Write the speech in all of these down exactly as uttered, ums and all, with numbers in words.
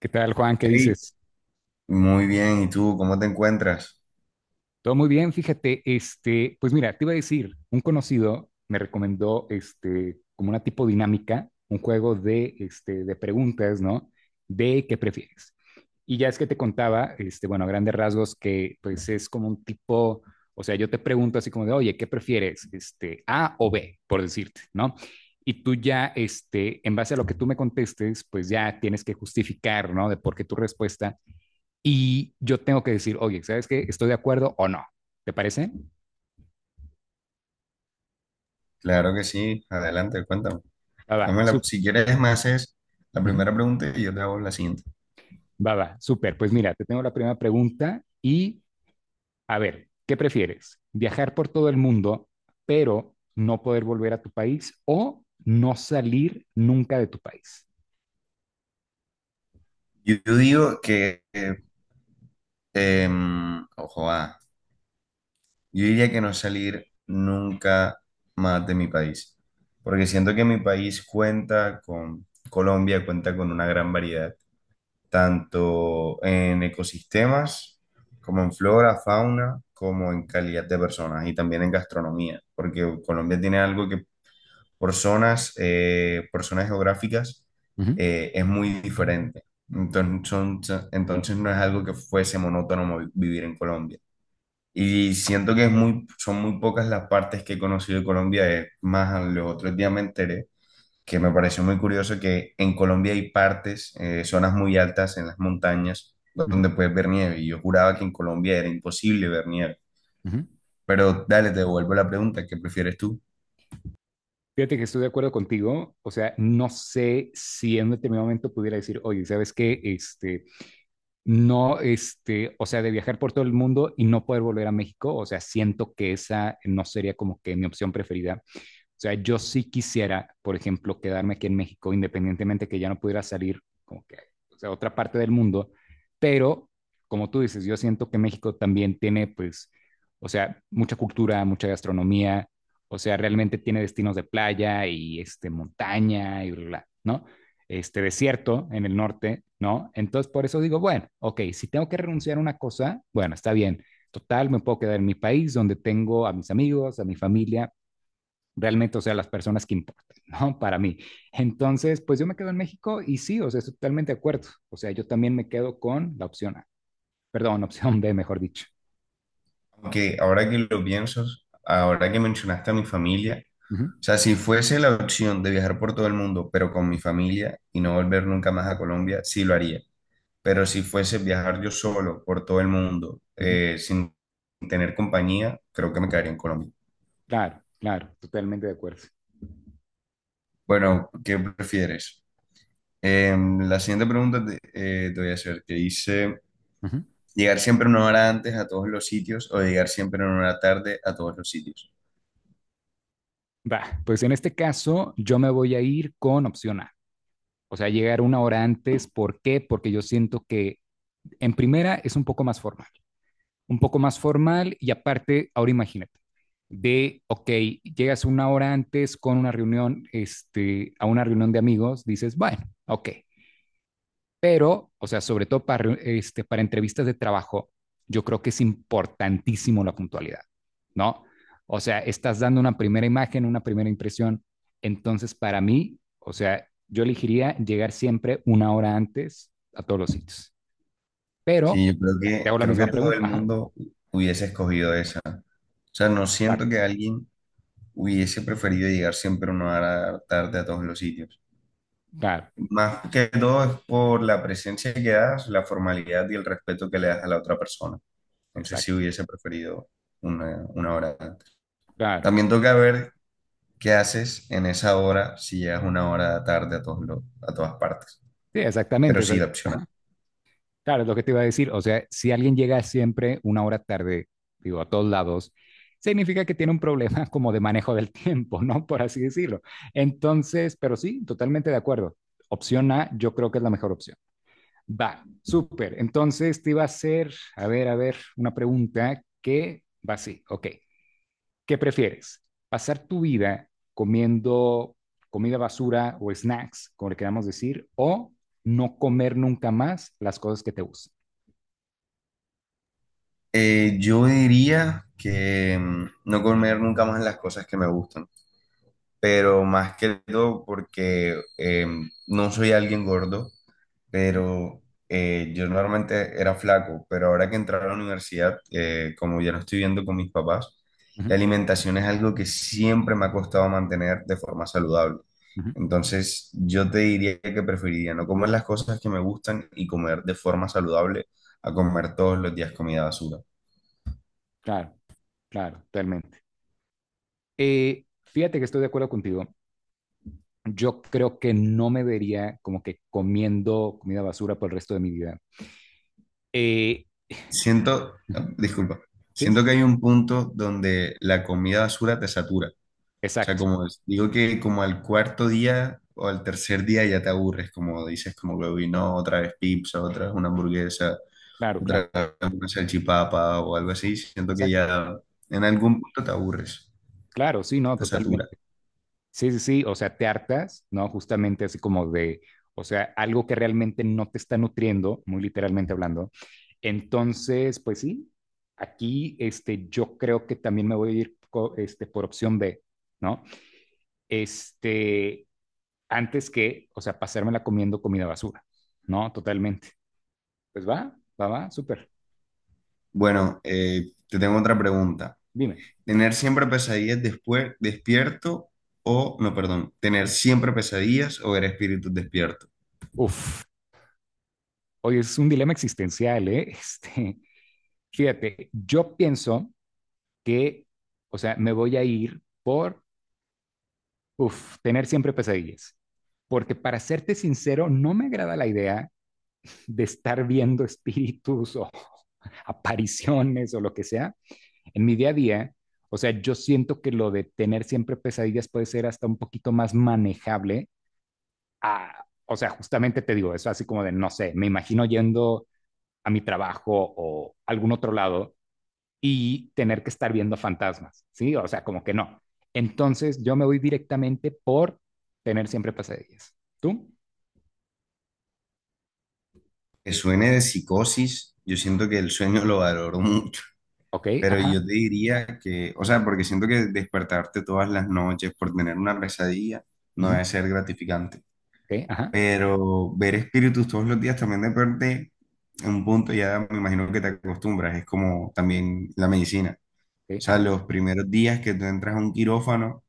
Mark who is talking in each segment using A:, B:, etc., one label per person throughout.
A: ¿Qué tal, Juan? ¿Qué
B: Hey,
A: dices?
B: muy bien, ¿y tú cómo te encuentras?
A: Todo muy bien, fíjate, este, pues mira, te iba a decir, un conocido me recomendó este, como una tipo dinámica, un juego de, este, de preguntas, ¿no? De qué prefieres. Y ya es que te contaba, este, bueno, a grandes rasgos, que pues es como un tipo, o sea, yo te pregunto así como de, oye, ¿qué prefieres? Este, A o B, por decirte, ¿no? Y tú ya, este, en base a lo que tú me contestes, pues ya tienes que justificar, ¿no? De por qué tu respuesta y yo tengo que decir, oye, ¿sabes qué? ¿Estoy de acuerdo o no? ¿Te parece?
B: Claro que sí, adelante, cuéntame.
A: Va, va,
B: Dame la-
A: súper.
B: si quieres, me haces la
A: Ujú.
B: primera pregunta y yo te hago la siguiente.
A: Va, va, súper. Pues mira, te tengo la primera pregunta y a ver, ¿qué prefieres? ¿Viajar por todo el mundo, pero no poder volver a tu país o no salir nunca de tu país?
B: Yo, yo digo que, eh, em, ojo, ah, yo diría que no salir nunca más de mi país, porque siento que mi país cuenta con, Colombia cuenta con una gran variedad tanto en ecosistemas, como en flora, fauna, como en calidad de personas y también en gastronomía, porque Colombia tiene algo que por zonas, eh, por zonas geográficas
A: Ujú,
B: eh, es muy diferente. Entonces, son- entonces no es algo que fuese monótono vi- vivir en Colombia. Y siento que es muy, son muy pocas las partes que he conocido de Colombia, es más, los otros días me enteré que me pareció muy curioso que en Colombia hay partes, eh, zonas muy altas en las montañas
A: ujú,
B: donde puedes ver nieve. Y yo juraba que en Colombia era imposible ver nieve.
A: ujú.
B: Pero dale, te devuelvo la pregunta, ¿qué prefieres tú?
A: Fíjate que estoy de acuerdo contigo, o sea, no sé si en un determinado momento pudiera decir, oye, ¿sabes qué? Este, no, este, o sea, de viajar por todo el mundo y no poder volver a México, o sea, siento que esa no sería como que mi opción preferida. O sea, yo sí quisiera, por ejemplo, quedarme aquí en México, independientemente que ya no pudiera salir como que o sea, a otra parte del mundo, pero como tú dices, yo siento que México también tiene, pues, o sea, mucha cultura, mucha gastronomía, o sea, realmente tiene destinos de playa y este, montaña y bla, bla, ¿no? Este desierto en el norte, ¿no? Entonces, por eso digo, bueno, ok, si tengo que renunciar a una cosa, bueno, está bien. Total, me puedo quedar en mi país donde tengo a mis amigos, a mi familia, realmente, o sea, las personas que importan, ¿no? Para mí. Entonces, pues yo me quedo en México y sí, o sea, estoy totalmente de acuerdo. O sea, yo también me quedo con la opción A, perdón, opción B, mejor dicho.
B: Aunque ahora que lo pienso, ahora que mencionaste a mi familia,
A: Uh -huh,
B: o sea, si fuese la opción de viajar por todo el mundo, pero con mi familia y no volver nunca más a Colombia, sí lo haría. Pero si fuese viajar yo solo por todo el mundo,
A: uh -huh.
B: eh, sin tener compañía, creo que me quedaría en Colombia.
A: Claro, claro, totalmente de acuerdo.
B: Bueno, ¿qué prefieres? Em, la siguiente pregunta te, eh, te voy a hacer, que dice,
A: Uh -huh.
B: ¿llegar siempre una hora antes a todos los sitios o llegar siempre una hora tarde a todos los sitios?
A: Va, pues en este caso yo me voy a ir con opción A. O sea, llegar una hora antes. ¿Por qué? Porque yo siento que en primera es un poco más formal. Un poco más formal y aparte, ahora imagínate, de, ok, llegas una hora antes con una reunión, este, a una reunión de amigos, dices, bueno, ok, pero, o sea, sobre todo para, este, para entrevistas de trabajo, yo creo que es importantísimo la puntualidad, ¿no? O sea, estás dando una primera imagen, una primera impresión. Entonces, para mí, o sea, yo elegiría llegar siempre una hora antes a todos los sitios. Pero
B: Sí, yo creo
A: te
B: que,
A: hago la
B: creo que
A: misma
B: todo
A: pregunta.
B: el
A: Ajá,
B: mundo hubiese escogido esa. O sea, no
A: claro,
B: siento que alguien hubiese preferido llegar siempre una hora tarde a todos los sitios.
A: claro,
B: Más que todo es por la presencia que das, la formalidad y el respeto que le das a la otra persona. Entonces sí
A: exacto.
B: hubiese preferido una, una hora antes.
A: Claro,
B: También toca ver ¿qué haces en esa hora si llegas una hora tarde a, todos los- a todas partes?
A: sí,
B: Pero
A: exactamente.
B: sí,
A: esa-
B: la opción A.
A: Claro, es lo que te iba a decir. O sea, si alguien llega siempre una hora tarde, digo, a todos lados, significa que tiene un problema como de manejo del tiempo, ¿no? Por así decirlo. Entonces, pero sí, totalmente de acuerdo. Opción A, yo creo que es la mejor opción. Va, súper. Entonces te iba a hacer, a ver, a ver, una pregunta que va así. Ok. ¿Qué prefieres? ¿Pasar tu vida comiendo comida basura o snacks, como le queramos decir, o no comer nunca más las cosas que te gustan?
B: Eh, yo diría que mm, no comer nunca más las cosas que me gustan, pero más que todo porque eh, no soy alguien gordo, pero eh, yo normalmente era flaco, pero ahora que entré a la universidad, eh, como ya no estoy viviendo con mis papás, la
A: Ujú,
B: alimentación es algo que siempre me ha costado mantener de forma saludable.
A: ujú.
B: Entonces, yo te diría que preferiría no comer las cosas que me gustan y comer de forma saludable a comer todos los días comida basura.
A: Claro, claro, totalmente. Eh, fíjate que estoy de acuerdo contigo. Yo creo que no me vería como que comiendo comida basura por el resto de mi vida. Eh,
B: Siento,
A: Ujú.
B: disculpa, siento
A: Sí,
B: que hay un punto donde la comida basura te satura. O sea,
A: exacto,
B: como es- digo que como al cuarto día o al tercer día ya te aburres, como dices, como que "Uy, no, otra vez pizza, otra vez una hamburguesa,
A: claro, claro,
B: otra vez una salchipapa o algo así", siento que
A: exacto,
B: ya en algún punto te aburres,
A: claro, sí, no,
B: te satura.
A: totalmente. Sí, sí, sí, o sea, te hartas, ¿no? Justamente así como de, o sea, algo que realmente no te está nutriendo, muy literalmente hablando. Entonces, pues sí, aquí este, yo creo que también me voy a ir co- este, por opción B, ¿no? Este, antes que, o sea, pasármela comiendo comida basura, ¿no? Totalmente. Pues va, va, va, súper.
B: Bueno, eh, te tengo otra pregunta.
A: Dime.
B: ¿Tener siempre pesadillas después despierto o, no, perdón, tener siempre pesadillas o ver espíritus despierto?
A: Uf, oye, es un dilema existencial, ¿eh? Este, fíjate, yo pienso que, o sea, me voy a ir por Uf, tener siempre pesadillas. Porque para serte sincero, no me agrada la idea de estar viendo espíritus o apariciones o lo que sea en mi día a día. O sea, yo siento que lo de tener siempre pesadillas puede ser hasta un poquito más manejable. a- o sea, justamente te digo eso, así como de, no sé, me imagino yendo a mi trabajo o algún otro lado y tener que estar viendo fantasmas, ¿sí? O sea, como que no. Entonces yo me voy directamente por tener siempre pesadillas. ¿Tú?
B: Que suene de psicosis, yo siento que el sueño lo valoro mucho.
A: Ok,
B: Pero
A: ajá,
B: yo te diría que, o sea, porque siento que despertarte todas las noches por tener una pesadilla no
A: ujú,
B: debe ser gratificante.
A: ok, ajá,
B: Pero ver espíritus todos los días también de en un punto ya me imagino que te acostumbras. Es como también la medicina. O
A: ok,
B: sea,
A: ajá,
B: los primeros días que tú entras a un quirófano,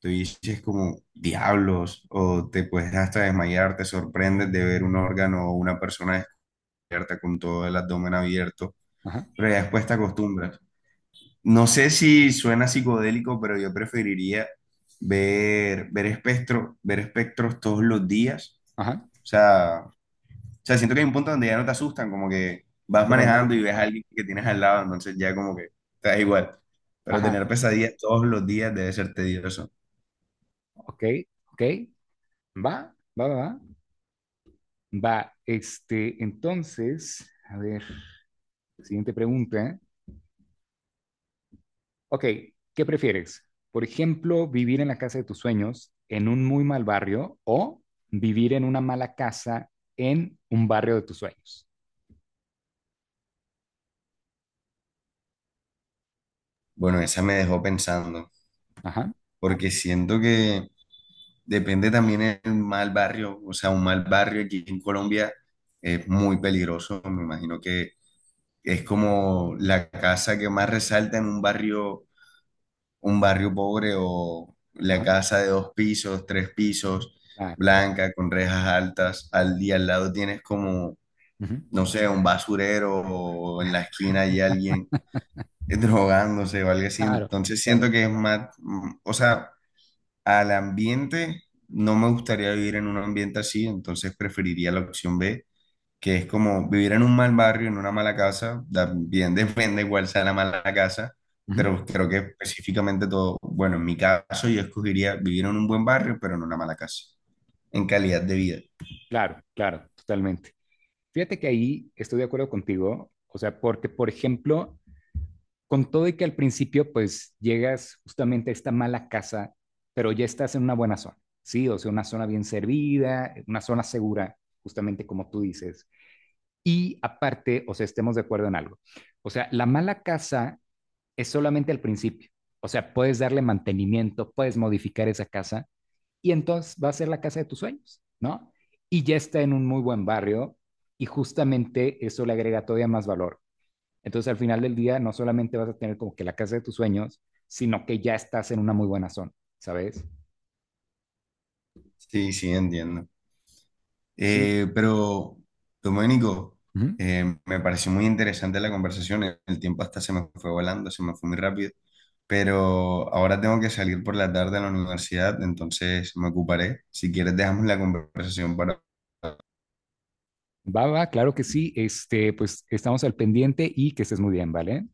B: tú dices como diablos, o te puedes hasta desmayar, te sorprendes de ver un órgano o una persona descubierta con todo el abdomen abierto.
A: ajá,
B: Pero ya después te acostumbras. No sé si suena psicodélico, pero yo preferiría ver, ver espectro, ver espectros todos los días.
A: ajá,
B: O sea, o sea, siento que hay un punto donde ya no te asustan, como que vas
A: lo normal
B: manejando
A: es,
B: y ves a
A: ajá,
B: alguien que tienes al lado, entonces ya como que te da igual. Pero
A: ajá,
B: tener pesadillas todos los días debe ser tedioso.
A: ok, ok, va, va, va, va, va. Este, entonces, a ver, siguiente pregunta. Ok, ¿qué prefieres? Por ejemplo, vivir en la casa de tus sueños en un muy mal barrio o vivir en una mala casa en un barrio de tus sueños.
B: Bueno, esa me dejó pensando,
A: Ajá,
B: porque siento que depende también el mal barrio. O sea, un mal barrio aquí en Colombia es muy peligroso. Me imagino que es como la casa que más resalta en un barrio, un barrio pobre o la
A: ajá,
B: casa de dos pisos, tres pisos,
A: claro, claro.
B: blanca, con rejas altas. Al día al lado tienes como,
A: Ujú.
B: no sé, un basurero o en la esquina hay alguien drogándose o algo así.
A: Claro,
B: Entonces
A: claro.
B: siento que es más, mm, o sea, al ambiente, no me gustaría vivir en un ambiente así, entonces preferiría la opción B que es como vivir en un mal barrio, en una mala casa, también depende cuál sea la mala casa,
A: Ujú.
B: pero creo que específicamente todo, bueno, en mi caso yo escogería vivir en un buen barrio, pero en una mala casa, en calidad de vida.
A: Claro, claro, totalmente. Fíjate que ahí estoy de acuerdo contigo, o sea, porque, por ejemplo, con todo y que al principio, pues llegas justamente a esta mala casa, pero ya estás en una buena zona, ¿sí? O sea, una zona bien servida, una zona segura, justamente como tú dices. Y aparte, o sea, estemos de acuerdo en algo. O sea, la mala casa es solamente al principio. O sea, puedes darle mantenimiento, puedes modificar esa casa y entonces va a ser la casa de tus sueños, ¿no? Y ya está en un muy buen barrio y justamente eso le agrega todavía más valor. Entonces, al final del día, no solamente vas a tener como que la casa de tus sueños, sino que ya estás en una muy buena zona, ¿sabes?
B: Sí, sí, entiendo.
A: Sí.
B: Eh, pero, Domenico,
A: Ujú.
B: eh, me pareció muy interesante la conversación, el el tiempo hasta se me fue volando, se me fue muy rápido. Pero ahora tengo que salir por la tarde a la universidad, entonces me ocuparé. Si quieres, dejamos la conversación para
A: Va, va, claro que sí. Este, pues estamos al pendiente y que estés muy bien, ¿vale?